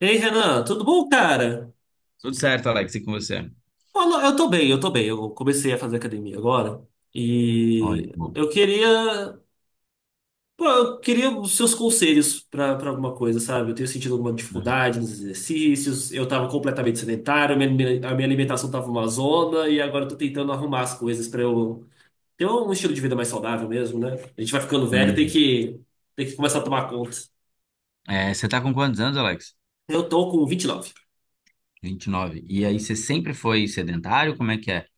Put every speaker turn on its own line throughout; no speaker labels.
Ei, Renan, tudo bom, cara?
Tudo certo, Alex, e com você?
Olha, eu tô bem, eu tô bem. Eu comecei a fazer academia agora
Olha,
e
bom.
pô, eu queria os seus conselhos pra alguma coisa, sabe? Eu tenho sentido alguma
Uhum.
dificuldade nos exercícios, eu tava completamente sedentário, a minha alimentação tava uma zona e agora eu tô tentando arrumar as coisas pra eu ter um estilo de vida mais saudável mesmo, né? A gente vai ficando velho, tem
Uhum.
que tem que começar a tomar conta.
É, você tá com quantos anos, Alex?
Eu tô com 29.
29. E nove. E aí, você sempre foi sedentário? Como é que é?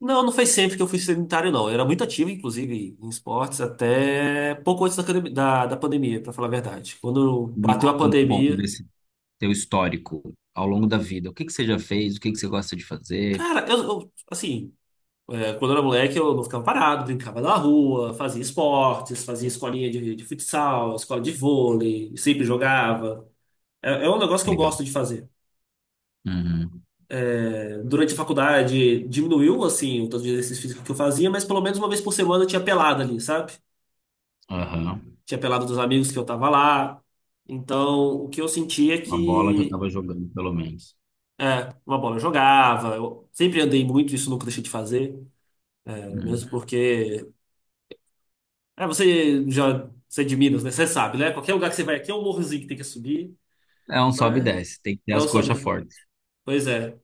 Não, não foi sempre que eu fui sedentário, não. Eu era muito ativo, inclusive, em esportes, até pouco antes da pandemia, pra falar a verdade. Quando
Me
bateu a
conta um pouco
pandemia.
desse teu histórico ao longo da vida. O que que você já fez? O que que você gosta de fazer?
Cara, assim, é, quando eu era moleque, eu não ficava parado, brincava na rua, fazia esportes, fazia escolinha de futsal, escola de vôlei, sempre jogava. É, é um negócio que eu
Legal.
gosto de fazer.
Uhum.
É, durante a faculdade, diminuiu, assim, o tanto de exercício físico que eu fazia, mas pelo menos uma vez por semana eu tinha pelada ali, sabe?
Aham.
Tinha pelado dos amigos que eu tava lá. Então, o que eu sentia é
Uma bola já
que
tava jogando, pelo menos.
uma bola eu jogava, eu sempre andei muito, isso nunca deixei de fazer, é, mesmo
Uhum.
porque. É, você já. Você é de Minas, né? Você sabe, né? Qualquer lugar que você vai aqui é um morrozinho que tem que subir,
É um sobe e
mas
desce. Tem que ter
é o
as
sobe,
coxas
né?
fortes.
Pois é.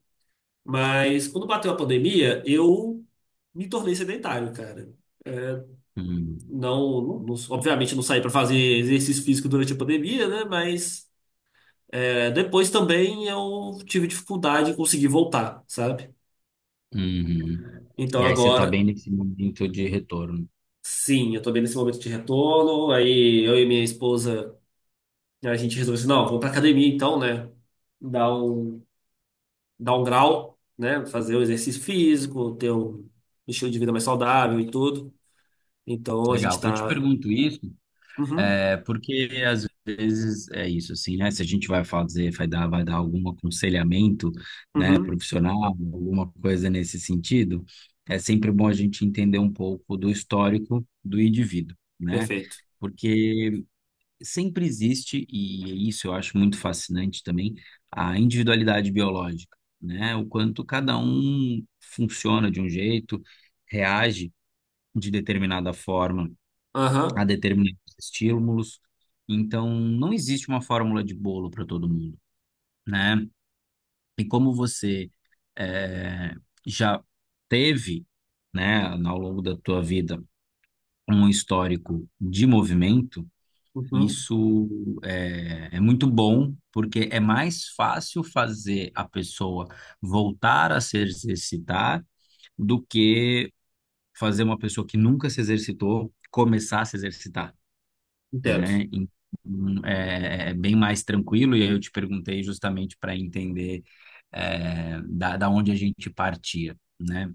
Mas quando bateu a pandemia, eu me tornei sedentário, cara. É,
Uhum.
obviamente não saí pra fazer exercício físico durante a pandemia, né? Mas. É, depois também eu tive dificuldade em conseguir voltar, sabe?
Uhum.
Então
E aí, você tá
agora,
bem nesse momento de retorno.
sim, eu tô bem nesse momento de retorno. Aí eu e minha esposa, a gente resolveu assim, não, vamos pra academia então, né? Dar um, dar um grau, né? Fazer o exercício físico, ter um estilo de vida mais saudável e tudo. Então a gente
Legal. Eu te
tá.
pergunto isso.
Uhum,
É porque às vezes é isso, assim, né? Se a gente vai fazer, vai dar algum aconselhamento, né,
uhum,
profissional, alguma coisa nesse sentido, é sempre bom a gente entender um pouco do histórico do indivíduo, né?
perfeito.
Porque sempre existe, e isso eu acho muito fascinante também, a individualidade biológica, né? O quanto cada um funciona de um jeito, reage de determinada forma a
Aham,
determinados estímulos. Então, não existe uma fórmula de bolo para todo mundo, né? E como você eh, já teve, né, ao longo da tua vida, um histórico de movimento,
uhum,
isso é, é muito bom, porque é mais fácil fazer a pessoa voltar a se exercitar do que fazer uma pessoa que nunca se exercitou começar a se exercitar.
entendo.
Né? Então, é, é bem mais tranquilo, e aí eu te perguntei justamente para entender da onde a gente partia, né?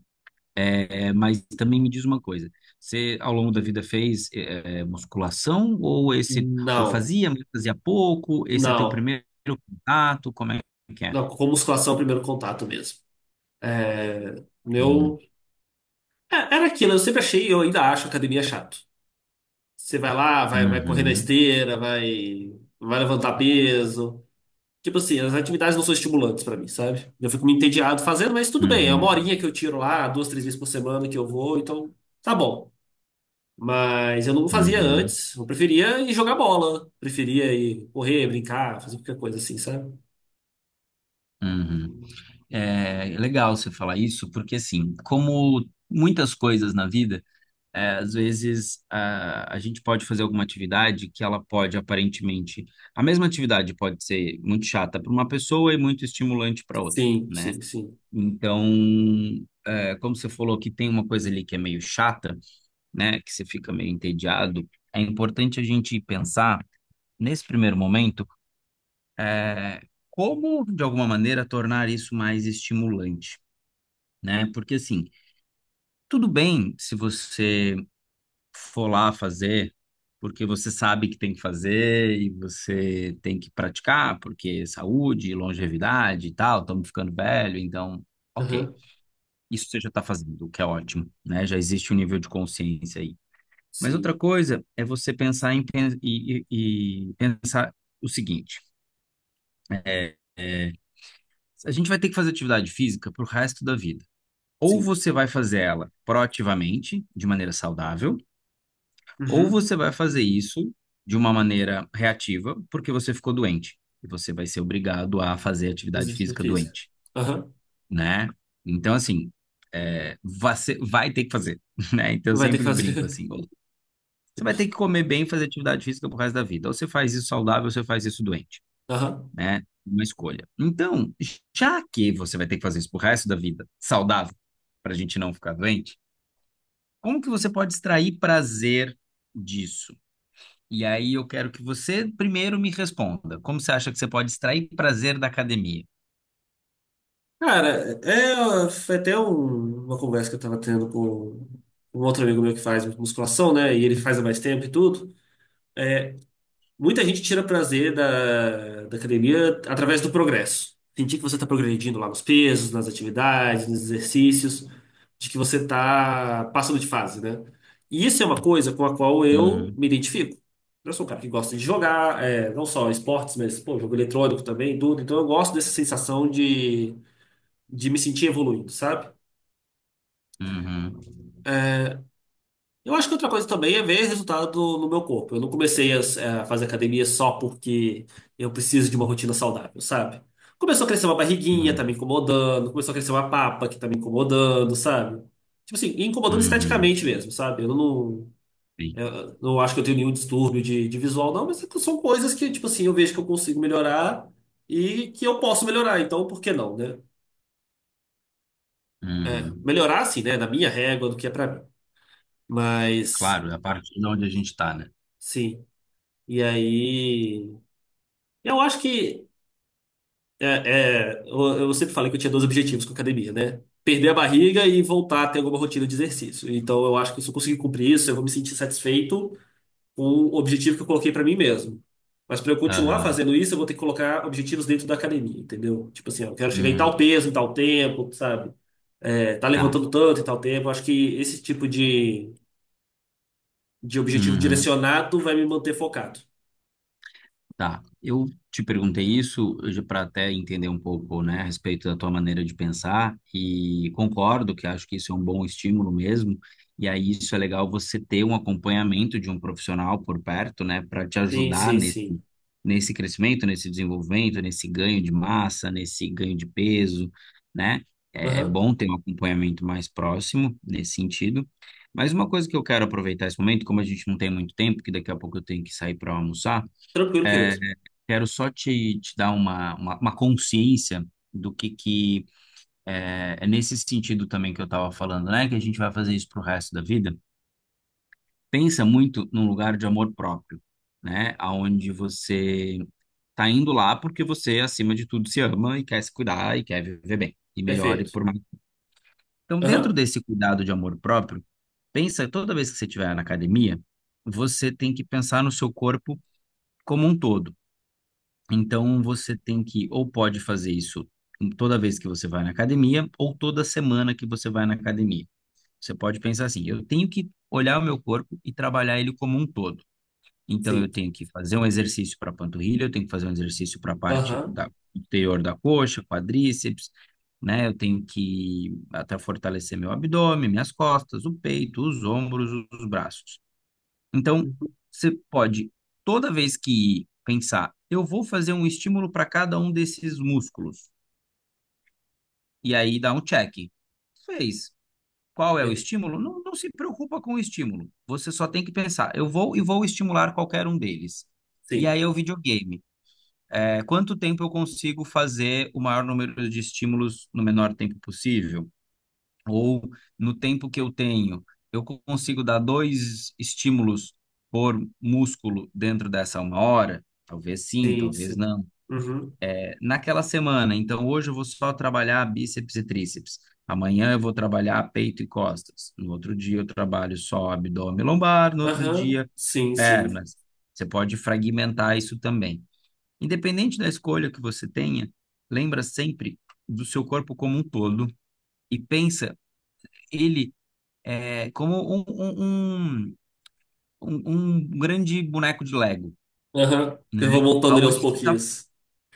É, é, mas também me diz uma coisa, você ao longo da vida fez musculação ou esse ou
Não,
fazia, mas fazia pouco? Esse é teu
não.
primeiro contato? Como é que é?
Não, com musculação é o primeiro contato mesmo. É, meu
Hum,
É, era aquilo, eu sempre achei, eu ainda acho academia chato. Você vai lá, vai correr na
Uhum,
esteira, vai levantar peso. Tipo assim, as atividades não são estimulantes pra mim, sabe? Eu fico me entediado fazendo, mas tudo bem, é uma
uhum,
horinha que eu tiro lá, duas, três vezes por semana que eu vou, então tá bom. Mas eu não fazia
uhum,
antes, eu preferia ir jogar bola, preferia ir correr, brincar, fazer qualquer coisa assim, sabe?
uhum. É legal você falar isso, porque assim, como muitas coisas na vida. É, às vezes a gente pode fazer alguma atividade que ela pode aparentemente. A mesma atividade pode ser muito chata para uma pessoa e muito estimulante para outra,
Sim,
né?
sim, sim.
Então, é, como você falou que tem uma coisa ali que é meio chata, né? Que você fica meio entediado, é importante a gente pensar, nesse primeiro momento, é, como, de alguma maneira, tornar isso mais estimulante, né? Porque assim. Tudo bem se você for lá fazer, porque você sabe que tem que fazer e você tem que praticar, porque é saúde, longevidade e tal, estamos ficando velho, então, ok.
Aham,
Isso você já está fazendo, o que é ótimo, né? Já existe um nível de consciência aí. Mas outra
sim,
coisa é você pensar em pensar o seguinte: é, a gente vai ter que fazer atividade física para o resto da vida. Ou
sim.
você vai fazer ela proativamente, de maneira saudável, ou
Uhum.
você vai fazer isso de uma maneira reativa, porque você ficou doente, e você vai ser obrigado a fazer atividade
Exercício
física
físico.
doente,
Aham,
né? Então, assim, é, você vai ter que fazer, né? Então, eu
vai ter que
sempre brinco
fazer.
assim, ou você vai ter que comer bem e fazer atividade física pro resto da vida. Ou você faz isso saudável, ou você faz isso doente,
Aham.
né? Uma escolha. Então, já que você vai ter que fazer isso pro resto da vida, saudável, para a gente não ficar doente, como que você pode extrair prazer disso? E aí eu quero que você primeiro me responda. Como você acha que você pode extrair prazer da academia?
Cara, é, foi até uma conversa que eu tava tendo com um outro amigo meu que faz musculação, né? E ele faz há mais tempo e tudo. Muita gente tira prazer da academia através do progresso. Sentir que você tá progredindo lá nos pesos, nas atividades, nos exercícios, de que você tá passando de fase, né? E isso é uma coisa com a qual eu
Uhum,
me identifico. Eu sou um cara que gosta de jogar, é, não só esportes, mas, pô, jogo eletrônico também, e tudo. Então eu gosto dessa sensação de me sentir evoluindo, sabe?
uhum,
Eu acho que outra coisa também é ver resultado no meu corpo. Eu não comecei a fazer academia só porque eu preciso de uma rotina saudável, sabe? Começou a crescer uma barriguinha, tá me
uhum,
incomodando. Começou a crescer uma papa que tá me incomodando, sabe? Tipo assim, e incomodando esteticamente
uhum,
mesmo, sabe? Eu não,
sim,
eu não acho que eu tenho nenhum distúrbio de visual, não, mas são coisas que, tipo assim, eu vejo que eu consigo melhorar e que eu posso melhorar. Então, por que não, né? É,
uhum.
melhorar, assim, né? Na minha régua do que é pra mim. Mas,
Claro, é a partir de onde a gente está, né?
sim. E aí. Eu acho que é, eu sempre falei que eu tinha dois objetivos com a academia, né? Perder a barriga e voltar a ter alguma rotina de exercício. Então eu acho que se eu conseguir cumprir isso, eu vou me sentir satisfeito com o objetivo que eu coloquei pra mim mesmo. Mas pra eu continuar
Aham,
fazendo isso, eu vou ter que colocar objetivos dentro da academia, entendeu? Tipo assim, ó, eu quero chegar em tal
uhum,
peso, em tal tempo, sabe? É, tá
tá.
levantando tanto em tal tempo. Eu acho que esse tipo de objetivo
Uhum.
direcionado vai me manter focado.
Tá, eu te perguntei isso para até entender um pouco, né, a respeito da tua maneira de pensar e concordo que acho que isso é um bom estímulo mesmo. E aí isso é legal você ter um acompanhamento de um profissional por perto, né, para te
Sim,
ajudar
sim,
nesse
sim.
nesse crescimento, nesse desenvolvimento, nesse ganho de massa, nesse ganho de peso, né? É é
Aham.
bom ter um acompanhamento mais próximo nesse sentido. Mas uma coisa que eu quero aproveitar esse momento, como a gente não tem muito tempo, que daqui a pouco eu tenho que sair para almoçar
Tranquilo,
é
querido.
quero só te dar uma consciência que é, é nesse sentido também que eu estava falando, né? Que a gente vai fazer isso para o resto da vida. Pensa muito num lugar de amor próprio, né? Aonde você tá indo lá porque você, acima de tudo, se ama e quer se cuidar e quer viver bem e melhor e
Perfeito.
por mais. Então, dentro
Aham.
desse cuidado de amor próprio, pensa toda vez que você estiver na academia, você tem que pensar no seu corpo como um todo. Então você tem que ou pode fazer isso toda vez que você vai na academia ou toda semana que você vai na academia. Você pode pensar assim, eu tenho que olhar o meu corpo e trabalhar ele como um todo. Então eu
Sim.
tenho que fazer um exercício para a panturrilha, eu tenho que fazer um exercício para a parte
Aham.
da interior da coxa, quadríceps, né? Eu tenho que até fortalecer meu abdômen, minhas costas, o peito, os ombros, os braços. Então,
Uhum.
você pode, toda vez que pensar, eu vou fazer um estímulo para cada um desses músculos, e aí dá um check. Fez. Qual é o
É,
estímulo? Não, não se preocupa com o estímulo. Você só tem que pensar, eu vou e vou estimular qualquer um deles. E
sim,
aí é o videogame. É, quanto tempo eu consigo fazer o maior número de estímulos no menor tempo possível? Ou no tempo que eu tenho, eu consigo dar dois estímulos por músculo dentro dessa uma hora? Talvez sim,
sim,
talvez
sim.
não.
Uhum.
É, naquela semana, então hoje eu vou só trabalhar bíceps e tríceps. Amanhã eu vou trabalhar peito e costas. No outro dia eu trabalho só abdômen e lombar, no outro
Aham.
dia
Sim, sim.
pernas. Você pode fragmentar isso também. Independente da escolha que você tenha, lembra sempre do seu corpo como um todo e pensa ele é, como um, um um grande boneco de Lego,
Aham.
né?
Eu vou montando ele aos
Aonde você tá...
pouquinhos.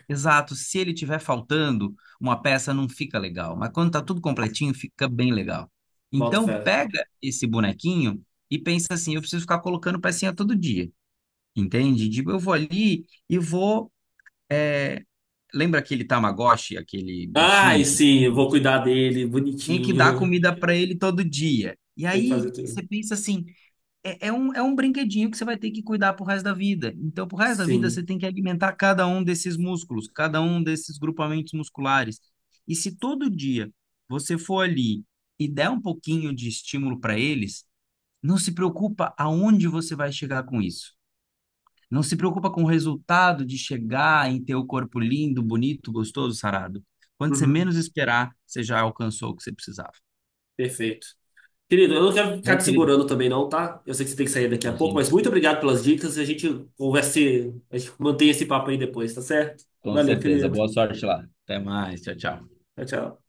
Exato, se ele tiver faltando, uma peça não fica legal, mas quando tá tudo completinho, fica bem legal.
Boto
Então,
fé.
pega esse bonequinho e pensa assim, eu preciso ficar colocando pecinha todo dia, entende? Tipo, eu vou ali e vou... é, lembra aquele Tamagotchi, aquele
Ai,
bichinho que
sim, eu vou cuidar dele,
tem que dar
bonitinho.
comida para ele todo dia? E
Tem que
aí,
fazer
você
tudo.
pensa assim, é é um brinquedinho que você vai ter que cuidar pro resto da vida. Então, pro resto da vida, você
Sim.
tem que alimentar cada um desses músculos, cada um desses grupamentos musculares. E se todo dia você for ali e der um pouquinho de estímulo para eles, não se preocupa aonde você vai chegar com isso. Não se preocupa com o resultado de chegar em ter o corpo lindo, bonito, gostoso, sarado. Quando você
Uhum.
menos esperar, você já alcançou o que você precisava.
Perfeito. Querido, eu não quero ficar
Bom,
te
querido,
segurando também, não, tá? Eu sei que você tem que sair daqui a pouco,
imagino.
mas muito obrigado pelas dicas. A gente conversa, a gente mantém esse papo aí depois, tá certo?
Com
Valeu,
certeza.
querido.
Boa sorte lá. Até mais. Tchau, tchau.
Tchau, tchau.